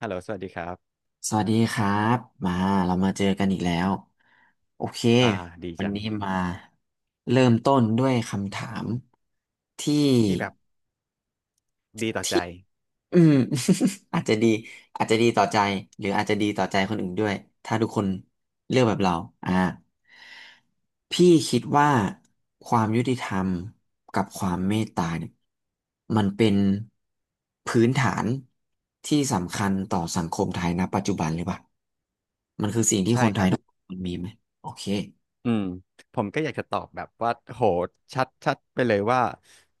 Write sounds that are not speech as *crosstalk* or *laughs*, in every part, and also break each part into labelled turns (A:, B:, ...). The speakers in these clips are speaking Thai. A: ฮัลโหลสวัสดีครับ
B: สวัสดีครับมาเรามาเจอกันอีกแล้วโอเค
A: อ่าดี
B: วัน
A: จัง
B: นี้มาเริ่มต้นด้วยคำถามที่
A: ที่แบบดีต่อใจ
B: ที่อืม *laughs* อาจจะดีอาจจะดีต่อใจหรืออาจจะดีต่อใจคนอื่นด้วยถ้าทุกคนเลือกแบบเราอ่าพี่คิดว่าความยุติธรรมกับความเมตตาเนี่ยมันเป็นพื้นฐานที่สำคัญต่อสังคมไทยณปัจจุบันหรือเปล่ามันคือสิ่งที่
A: ใช่
B: คน
A: ค
B: ไทย
A: รับ
B: ทุกคนมีไหมโอเค
A: อืม ผมก็อยากจะตอบแบบว่า โหชัดไปเลยว่า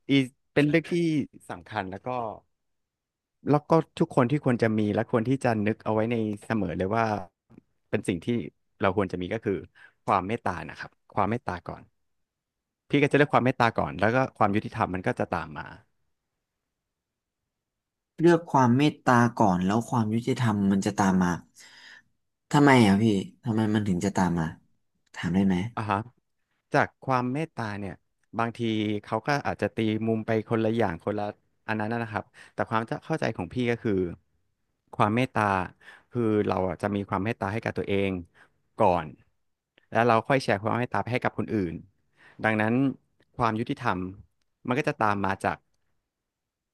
A: อีเป็นเรื่องที่สำคัญแล้วก็ทุกคนที่ควรจะมีและควรที่จะนึกเอาไว้ในเสมอเลยว่าเป็นสิ่งที่เราควรจะมีก็คือ ความเมตตานะครับ ความเมตตาก่อน พี่ก็จะเลือกความเมตตาก่อน แล้วก็ความยุติธรรมมันก็จะตามมา
B: เลือกความเมตตาก่อนแล้วความยุติธรรมมันจะตามมาทำไมอ่ะพี่ทำไมมันถึงจะตามมา ถามได้ไหม
A: อ่าฮะจากความเมตตาเนี่ยบางทีเขาก็อาจจะตีมุมไปคนละอย่างคนละอันนั้นนะครับแต่ความจะเข้าใจของพี่ก็คือความเมตตาคือเราอะจะมีความเมตตาให้กับตัวเองก่อนแล้วเราค่อยแชร์ความเมตตาไปให้กับคนอื่นดังนั้นความยุติธรรมมันก็จะตามมาจาก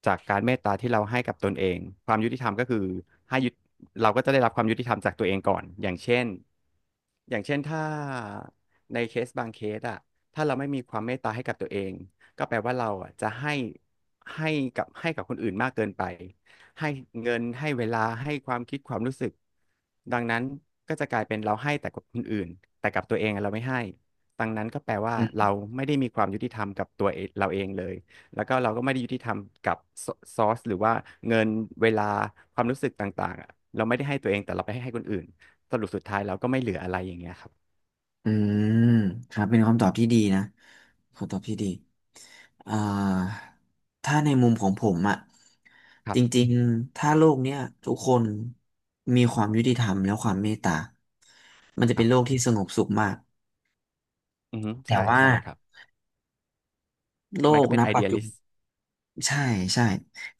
A: การเมตตาที่เราให้กับตนเองความยุติธรรมก็คือให้ยุติเราก็จะได้รับความยุติธรรมจากตัวเองก่อนอย่างเช่น อย่างเช่นถ้าในเคสบางเคสอะถ้าเราไม่มีความเมตตาให้กับตัวเองก็แปลว่าเราอะจะให้ให้ให้กับคนอื่นมากเกินไปให้เงินให้เวลาให้ความคิดความรู้สึกดังนั้นก็จะกลายเป็นเราให้แต่กับคนอื่นแต่กับตัวเองอะเราไม่ให้ดังนั้นก็แปลว่า
B: อื
A: เรา
B: ม
A: ไม่ได้มีความยุติธรรมกับตัวเองเราเองเลยแล้วก็เราก็ไม่ได้ยุติธรรมกับซอสหรือว่าเงินเวลาความรู้สึกต่างๆอะเราไม่ได้ให้ตัวเองแต่เราไปให้คนอื่น
B: อืมครับเป็นคำตอบที่ดีนะคำตอบที่ดีอ่าถ้าในมุมของผมอะ
A: ค
B: จริง
A: ร
B: ๆถ้าโลกเนี้ยทุกคนมีความยุติธรรมและความเมตตา มันจะเป็
A: ั
B: น
A: บ
B: โลกที่สงบสุขมาก
A: อือฮึ
B: แต่
A: ใช่
B: ว่า
A: ใช่ครับ
B: โล
A: มันก็
B: ก
A: เป็
B: ณ
A: นไอ
B: ปั
A: เดี
B: จ
A: ย
B: จุ
A: ลิสต์
B: ใช่ใช่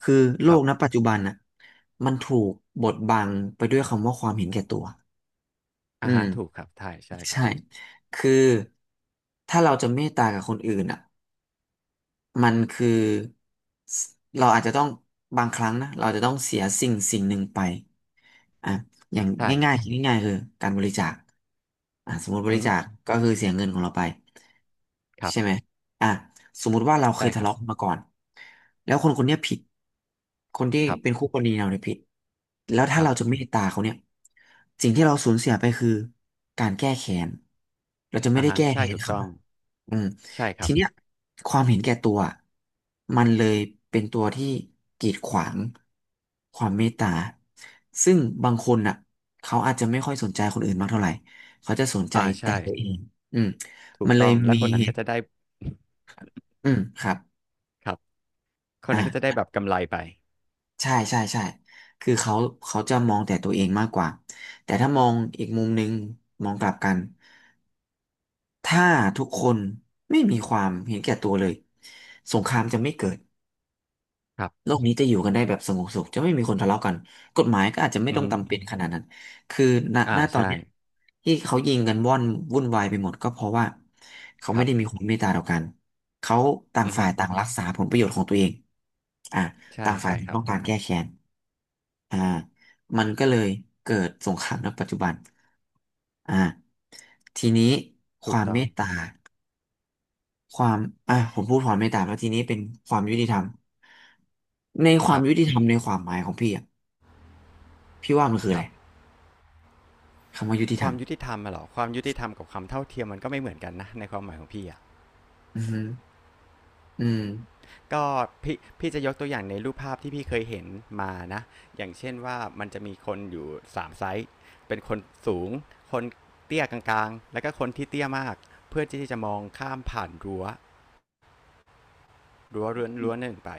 B: คือโล
A: ครั
B: กณ
A: บ
B: ปัจจุบันน่ะมันถูกบดบังไปด้วยคำว่าความเห็นแก่ตัวอื
A: อ่า
B: ม
A: ฮะถูกครับใช่ใช่ครั
B: ใช่
A: บ
B: คือถ้าเราจะเมตตากับคนอื่นอ่ะ มันคือสเราอาจจะต้องบางครั้งนะเราจะต้องเสียสิ่งสิ่งหนึ่งไปอ่ะอย่าง
A: ใช่
B: ง่ายๆคิดง่ายๆคือการบริจาคอ่ะสมมติบ
A: อือ
B: ริ
A: ฮึ
B: จาคก็คือเสียเงินของเราไป
A: ครั
B: ใช่ไห
A: บ
B: มอ่ะสมมุติว่าเราเค
A: ใช่
B: ย
A: ค
B: ทะ
A: รับ
B: เลาะกันมาก่อนแล้วคนคนเนี้ยผิดคนที่
A: ครั
B: เป็น
A: บ
B: คู่กรณีเราเนี่ยผิดแล้วถ้า
A: ครับ
B: เราจะเมตตาเขาเนี่ยสิ่งที่เราสูญเสียไปคือการแก้แค้นเราจะไม่
A: อ่า
B: ได้
A: ฮะ
B: แก้
A: ใช่
B: แค้น
A: ถูก
B: เขา
A: ต้อง
B: อืม
A: ใช่ค
B: ที
A: รับ
B: เนี้ยความเห็นแก่ตัวมันเลยเป็นตัวที่กีดขวางความเมตตาซึ่งบางคนน่ะเขาอาจจะไม่ค่อยสนใจคนอื่นมากเท่าไหร่เขาจะสนใจ
A: อ่า
B: แต่
A: ใช่
B: ตัวเองอืม
A: ถู
B: มั
A: ก
B: นเล
A: ต้อ
B: ย
A: งแล้ว
B: มี
A: คนนั้
B: เห
A: นก็
B: ตุ
A: จะได้
B: ครับ
A: *laughs* ครับคน
B: อ่
A: นั้นก็จะได้
B: า
A: แบบกำไรไป
B: ใช่ใช่ใช่คือเขาจะมองแต่ตัวเองมากกว่าแต่ถ้ามองอีกมุมหนึ่งมองกลับกันถ้าทุกคนไม่มีความเห็นแก่ตัวเลยสงครามจะไม่เกิด
A: ครั
B: โล
A: บ
B: กนี้จะอยู่กันได้แบบสงบสุขจะไม่มีคนทะเลาะกันกฎหมายก็อาจจะไม่
A: อือ
B: ต้อง
A: ฮึ
B: จำเป็นขนาดนั้นคือณ
A: อ่า
B: ณตอน
A: ใช่
B: เนี้ยที่เขายิงกันว่อนวุ่นวายไปหมดก็เพราะว่าเขา
A: ค
B: ไม่
A: รับ
B: ได้มีความเมตตาต่อกันเขาต่าง
A: อือฮึ
B: ฝ่ายต่างรักษาผลประโยชน์ของตัวเองอ่า
A: ใช่
B: ต่างฝ่าย
A: ใช่
B: ต่า
A: ค
B: ง
A: รับ
B: ต้องการแก้แค้นอ่ามันก็เลยเกิดสงครามในปัจจุบันอ่าทีนี้ค
A: ถูก
B: วาม
A: ต้
B: เม
A: อง
B: ตตา ความอ่ะผมพูดความเมตตาแล้วทีนี้เป็นความยุติธรรมในค
A: ค
B: วาม
A: รับ
B: ยุติธรรมในความหมายของพี่อ่ะพี่ว่ามันคือ
A: ค
B: อะ
A: รั
B: ไร
A: บ
B: คำว่ายุติ
A: ค
B: ธร
A: วา
B: รม
A: มยุติธรรมอะเหรอความยุติธรรมกับความเท่าเทียมมันก็ไม่เหมือนกันนะในความหมายของพี่อะ
B: อือฮึอืม
A: ก็พี่จะยกตัวอย่างในรูปภาพที่พี่เคยเห็นมานะอย่างเช่นว่ามันจะมีคนอยู่สามไซส์เป็นคนสูง คนเตี้ยกลางๆแล้วก็คนที่เตี้ยมาก เพื่อที่จะมองข้ามผ่านรั้วเรือนรั้วหนึ่งไป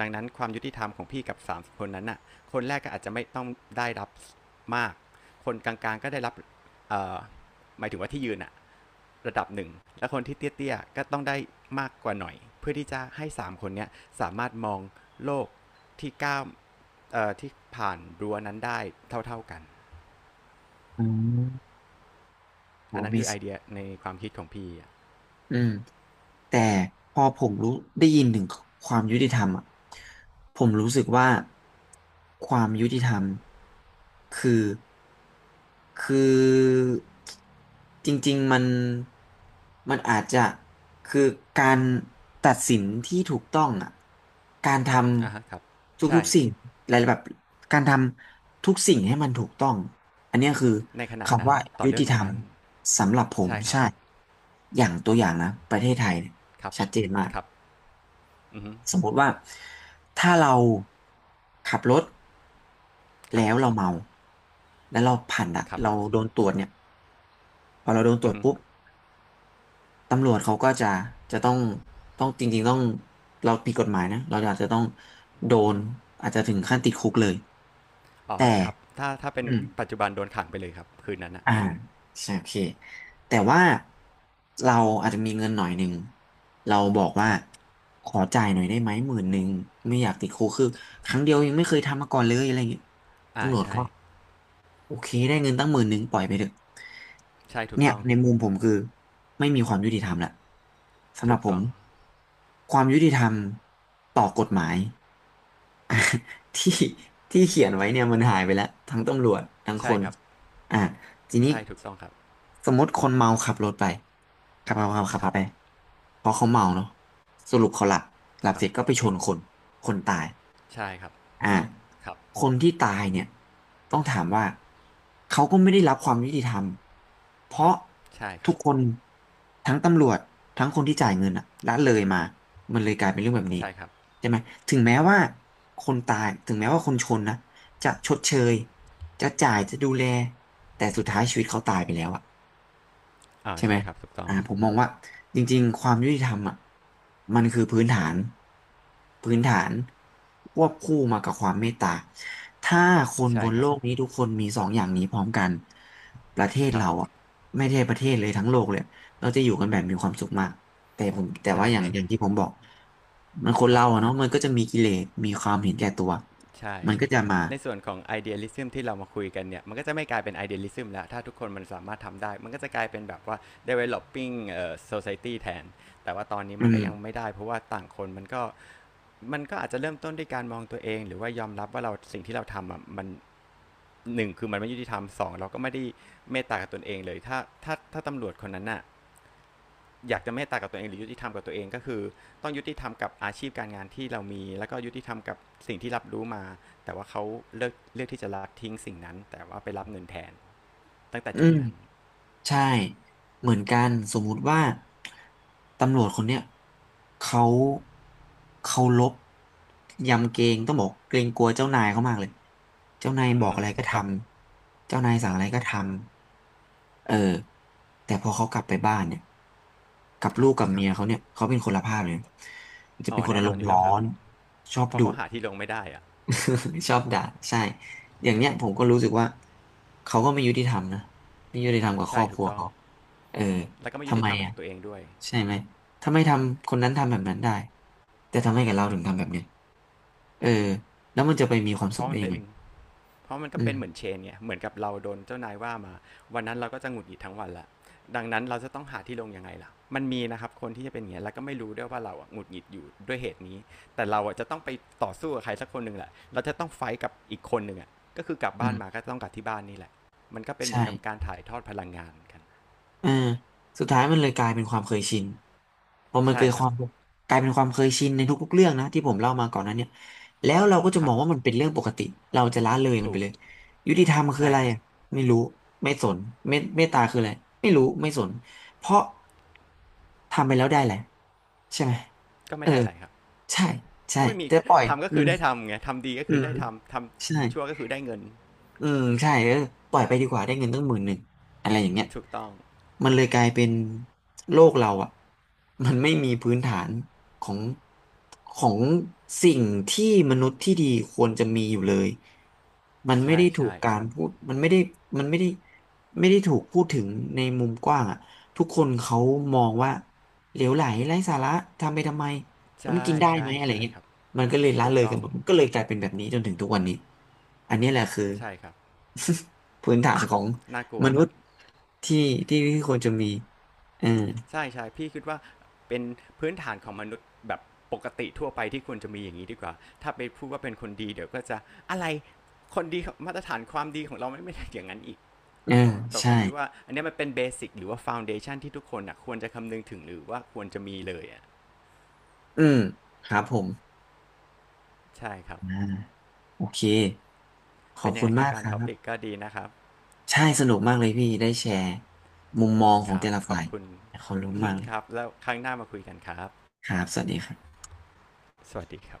A: ดังนั้นความยุติธรรมของพี่กับ3คนนั้นน่ะคนแรกก็อาจจะไม่ต้องได้รับมาก คนกลางๆก็ได้รับเอ่อหมายถึงว่าที่ยืนอ่ะ ระดับหนึ่งและคนที่เตี้ยๆก็ต้องได้มากกว่าหน่อยเพื่อที่จะให้3คนนี้สามารถมองโลกที่ก้าว่ที่ผ่านรั้วนั้นได้เท่าๆกัน
B: อ๋อ
A: อัน
B: โห
A: นั้นคือไอ
B: Amazing
A: เดียในความคิดของพี่อะ
B: อืมแต่พอผมรู้ได้ยินถึงความยุติธรรมอ่ะผมรู้สึกว่าความยุติธรรมคือคือจริงๆมันมันอาจจะคือการตัดสินที่ถูกต้องอ่ะการท
A: อ่ะฮะครับ
B: ำทุ
A: ใช่
B: กๆสิ่งอะไรแบบการทำทุกสิ่งให้มันถูกต้องอันเนี้ยคือ
A: ในขณะนั้
B: คำ
A: น
B: ว่า
A: ต่อ
B: ยุ
A: เรื่
B: ติ
A: อง
B: ธรรม
A: นั้น
B: สำหรับผ
A: ๆ
B: ม
A: ใช่ครับ
B: ใช่ อย่างตัวอย่างนะประเทศไทยเนี่ย
A: ครับ
B: ชัดเจนมาก
A: ครับอือฮึ
B: สมมติว่าถ้าเราขับรถ
A: ครับ
B: แล้วเราเมาแล้วเราผ่านด่ะ
A: ครับผ
B: เรา
A: ม
B: โดนตรวจเนี่ยพอเราโดนตร
A: อื
B: ว
A: อ
B: จ
A: ฮึ
B: ปุ๊บตำรวจเขาก็จะจะต้องต้องจริงๆต้องเราผิดกฎหมายนะเราอาจจะต้องโดนอาจจะถึงขั้นติดคุกเลย
A: อ๋อ
B: แต่
A: ครับถ้าเป็น
B: อืม
A: ปัจจุบันโดนขังไปเลยครับคืนนั้นอะ
B: อ่าใช่โอเคแต่ว่าเราอาจจะมีเงินหน่อยหนึ่งเราบอกว่า
A: ครับ
B: ขอจ่ายหน่อยได้ไหมหมื่นหนึ่งไม่อยากติดคุกคือครั้งเดียวยังไม่เคยทำมาก่อนเลยอะไรอย่างเงี้ย
A: อ่า
B: ตำรวจ
A: ใช่
B: ก็โอเคได้เงินตั้งหมื่นหนึ่งปล่อยไปเถอะ
A: ใช่ถูก
B: เนี่ย
A: ต้อง
B: ในมุมผมคือไม่มีความยุติธรรมละสำห
A: ถู
B: รับ
A: ก
B: ผ
A: ต้
B: ม
A: อง
B: ความยุติธรรมต่อกฎหมาย ที่ *laughs* ที่เขียนไว้เนี่ยมันหายไปแล้วทั้งตำรวจทั้งค
A: ใช่
B: น
A: ครับ
B: อ่ะทีนี้
A: ใช่ถูกต้องครับ
B: สมมติคนเมาขับรถไปขับขั
A: ครั
B: บ
A: บ
B: ไปเพราะเขาเมาเนาะสรุปเขาหลับหลับ
A: ค
B: เส
A: รับ
B: ร็จก็ไปชนคนคนตาย
A: ใช่ครับ
B: อ่า
A: ครับ
B: คนที่ตายเนี่ยต้องถามว่าเขาก็ไม่ได้รับความยุติธรรมเพราะ
A: ใช่ค
B: ทุ
A: รั
B: ก
A: บ
B: คนทั้งตำรวจทั้งคนที่จ่ายเงินอะละเลยมามันเลยกลายเป็นเรื่องแบบนี้
A: ใช่ครับ
B: ใช่ไหมถึงแม้ว่าคนตายถึงแม้ว่าคนชนนะจะชดเชยจะจ่ายจะดูแลแต่สุดท้ายชีวิตเขาตายไปแล้วอะ
A: อ่า
B: ใช่ไหม
A: ใช่ครับถูกต้อง
B: ผมมองว่าจริงๆความยุติธรรมอ่ะมันคือพื้นฐานพื้นฐานควบคู่มากับความเมตตาถ้าคนบ
A: ใช่
B: น
A: ค
B: โล
A: รับ
B: กนี้ทุกคนมีสองอย่างนี้พร้อมกันประเทศ
A: ครับ
B: เราอ่ะไม่ใช่ประเทศเลยทั้งโลกเลยเราจะอยู่กันแบบมีความสุขมากแต่ผมแต่
A: ใช่
B: ว่าอย่าง
A: ใน
B: อย่างที่ผมบอกมันคน
A: ครั
B: เรา
A: บ
B: อะเนาะมันก็จะมีกิเลสมีความเห็นแก่ตัว
A: ใช่
B: มันก็จะมา
A: ในส่วนของ idealism ที่เรามาคุยกันเนี่ยมันก็จะไม่กลายเป็น idealism แล้วถ้าทุกคนมันสามารถทำได้มันก็จะกลายเป็นแบบว่า developing society แทนแต่ว่าตอนนี้
B: อื
A: มัน
B: ม
A: ก็ยังไม่ได้เพราะว่าต่างคนมันก็มันก็อาจจะเริ่มต้นด้วยการมองตัวเองหรือว่ายอมรับว่าเราสิ่งที่เราทำอ่ะมันหนึ่งคือมันไม่ยุติธรรมสองเราก็ไม่ได้เมตตากับตนเองเลยถ้าถ้าตำรวจคนนั้นน่ะ อยากจะเมตตากับตัวเองหรือยุติธรรมกับตัวเองก็คือต้องยุติธรรมกับอาชีพการงานที่เรามีแล้วก็ยุติธรรมกับสิ่งที่รับรู้มาแต่ว่าเขาเลือกที่จะละทิ้งสิ่งนั้นแต่ว่าไปรับเงินแทนตั้งแต่
B: อื
A: จุด
B: ม
A: นั้น
B: ใช่เหมือนกันสมมุติว่าตำรวจคนเนี้ยเขาเขาลบยำเกรงต้องบอกเกรงกลัวเจ้านายเขามากเลยเจ้านายบ
A: อื
B: อ
A: อ
B: ก
A: ฮึ
B: อะไรก็ท
A: ครับ
B: ำเจ้านายสั่
A: ค
B: ง
A: รับ
B: อะไรก็ทำเออแต่พอเขากลับไปบ้านเนี่ยกับ
A: ค
B: ลู
A: รับ
B: กกับเมียเขาเนี่ยเขาเป็นคนละภาพเลยจะ
A: อ๋
B: เป็
A: อ
B: นคน
A: แน่
B: อาร
A: นอน
B: ม
A: อ
B: ณ์
A: ยู่
B: ร้
A: แล้
B: อ
A: วครับ
B: นชอบ
A: เพราะ
B: ดุ
A: เขาหาที่ลงไม่ได้อะ
B: *laughs* ชอบด่าใช่อย่างเนี้ยผมก็รู้สึกว่าเขาก็ไม่ยุติธรรมนะไม่ยุติธรรมกับคร
A: ใช่
B: อบค
A: ถูก
B: รัว
A: ต้อง
B: เขาเออ
A: แล้วก็ไม่ยุ
B: ทำ
A: ติ
B: ไม
A: ธรรม
B: อ่ะ
A: กับตัวเองด้วย
B: ใช่ไหมถ้าไม่ทำคนนั้นทำแบบนั้นได้แต่ทำไมกับเราถึงทำแบบเนี้ยเออแล้วมันจะไปมีความ
A: เพ
B: สุข
A: ราะ
B: ได้
A: มัน
B: ยั
A: เป็
B: ง
A: น
B: ไง
A: เพราะมันก็
B: อื
A: เป็นเหมือน
B: ม
A: เชนเนี่ยเหมือนกับเราโดนเจ้านายว่ามาวันนั้นเราก็จะหงุดหงิดทั้งวันละดังนั้นเราจะต้องหาที่ลงยังไงล่ะมันมีนะครับคนที่จะเป็นอย่างเงี้ยแล้วก็ไม่รู้ด้วยว่าเราอหงุดหงิดอยู่ด้วยเหตุนี้แต่เราจะต้องไปต่อสู้กับใครสักคนหนึ่งแหละเราจะต้องไฟท์กับอีกคนหนึ่งอ่ะก็คือกลับ
B: อื
A: บ้านมา
B: ม
A: ก็ต้องกลับที่บ้านนี่แหละมันก็เป็น
B: ใ
A: เหมือนกับการ
B: ช่
A: ถ่ายทอดพลังงานกัน
B: อ่าสุดท้ายมันเลยกลายเป็นความเคยชินพอมัน
A: ใช่
B: เกิด
A: ค
B: ค
A: รั
B: วา
A: บ
B: มกลายเป็นความเคยชินในทุกๆเรื่องนะที่ผมเล่ามาก่อนหนั้นเนี่ยแล้วเราก็จะ
A: ค
B: ม
A: รั
B: อ
A: บ
B: งว่ามันเป็นเรื่องปกติเราจะละเลยมัน
A: ถู
B: ไป
A: ก
B: เลยยุติธรรมคือ
A: ใช่
B: อะไร
A: ครับ
B: อะไม่รู้ไม่สนเมตเมตตาคืออะไรไม่รู้ไม่สนเพราะทำไปแล้วได้แหละไรใช่ไหม
A: ก็
B: เอ
A: ไม่
B: อ
A: ได้อะไรครับ
B: ใช่ใช่
A: ก็ไม่มี
B: จะปล่อย
A: ทำก็
B: อื
A: คือ
B: ม
A: ได้ทำไงทำดีก็
B: อื
A: คือ
B: ม
A: ได้ทำท
B: ใช่
A: ำชั่วก็คือได้เงิน
B: อืมใช่เออปล่อยไปดีกว่าได้เงินตั้ง10,000อะไรอย่างเงี้ย
A: ถูกต้อง
B: มันเลยกลายเป็นโลกเราอ่ะมันไม่มีพื้นฐานของของสิ่งที่มนุษย์ที่ดีควรจะมีอยู่เลยมันไม่
A: ใช่
B: ได้ถูก
A: ใช่
B: การพูดมันไม่ได้มันไม่ได้ไม่ได้ถูกพูดถึงในมุมกว้างอ่ะทุกคนเขามองว่าเหลวไหลไร้สาระทำไปทำไมแล้วมัน
A: ใช่
B: กินได้
A: ใช่
B: ไหมอะไร
A: ใช่
B: เงี้ย
A: ครับ
B: มันก็เลยละ
A: ถูก
B: เลย
A: ต้
B: กั
A: อ
B: น
A: ง
B: หมดมันก็เลยกลายเป็นแบบนี้จนถึงทุกวันนี้อันนี้แหละคือ
A: ใช่ครับ
B: *laughs* พื้นฐานของ
A: น่ากลัว
B: ม
A: ค
B: นุ
A: รั
B: ษ
A: บ
B: ย์ที่ที่ควรจะมีเออ
A: ใช่ใช่พี่คิดว่าเป็นพื้นฐานของมนุษย์แบบปกติทั่วไปที่ควรจะมีอย่างนี้ดีกว่าถ้าไปพูดว่าเป็นคนดีเดี๋ยวก็จะอะไรคนดีมาตรฐานความดีของเราไม่ได้อย่างนั้นอีก
B: เออ
A: แต่
B: ใช่
A: ผมคิดว่าอันเนี้ยมันเป็นเบสิกหรือว่าฟ u n เดชันที่ทุกคนอ่ะควรจะคำนึงถึงหรือว่าควรจะมีเลยอ่ะ
B: อืมครับผม
A: ใช่ครับ
B: อ่าโอเคขอ
A: เป็
B: บ
A: นยัง
B: คุ
A: ไง
B: ณ
A: ครั
B: มา
A: บ
B: ก
A: กา
B: ค
A: ร
B: รั
A: ท็อปิก
B: บ
A: ก็ดีนะครับ
B: ใช่สนุกมากเลยพี่ได้แชร์มุมมองขอ
A: ค
B: ง
A: รั
B: แต่
A: บ
B: ละ
A: ขอ
B: ฝ่า
A: บ
B: ย
A: คุณ
B: ขอบคุณมากเล
A: *laughs*
B: ย
A: ครับแล้วครั้งหน้ามาคุยกันครับ
B: ครับสวัสดีครับ
A: สวัสดีครับ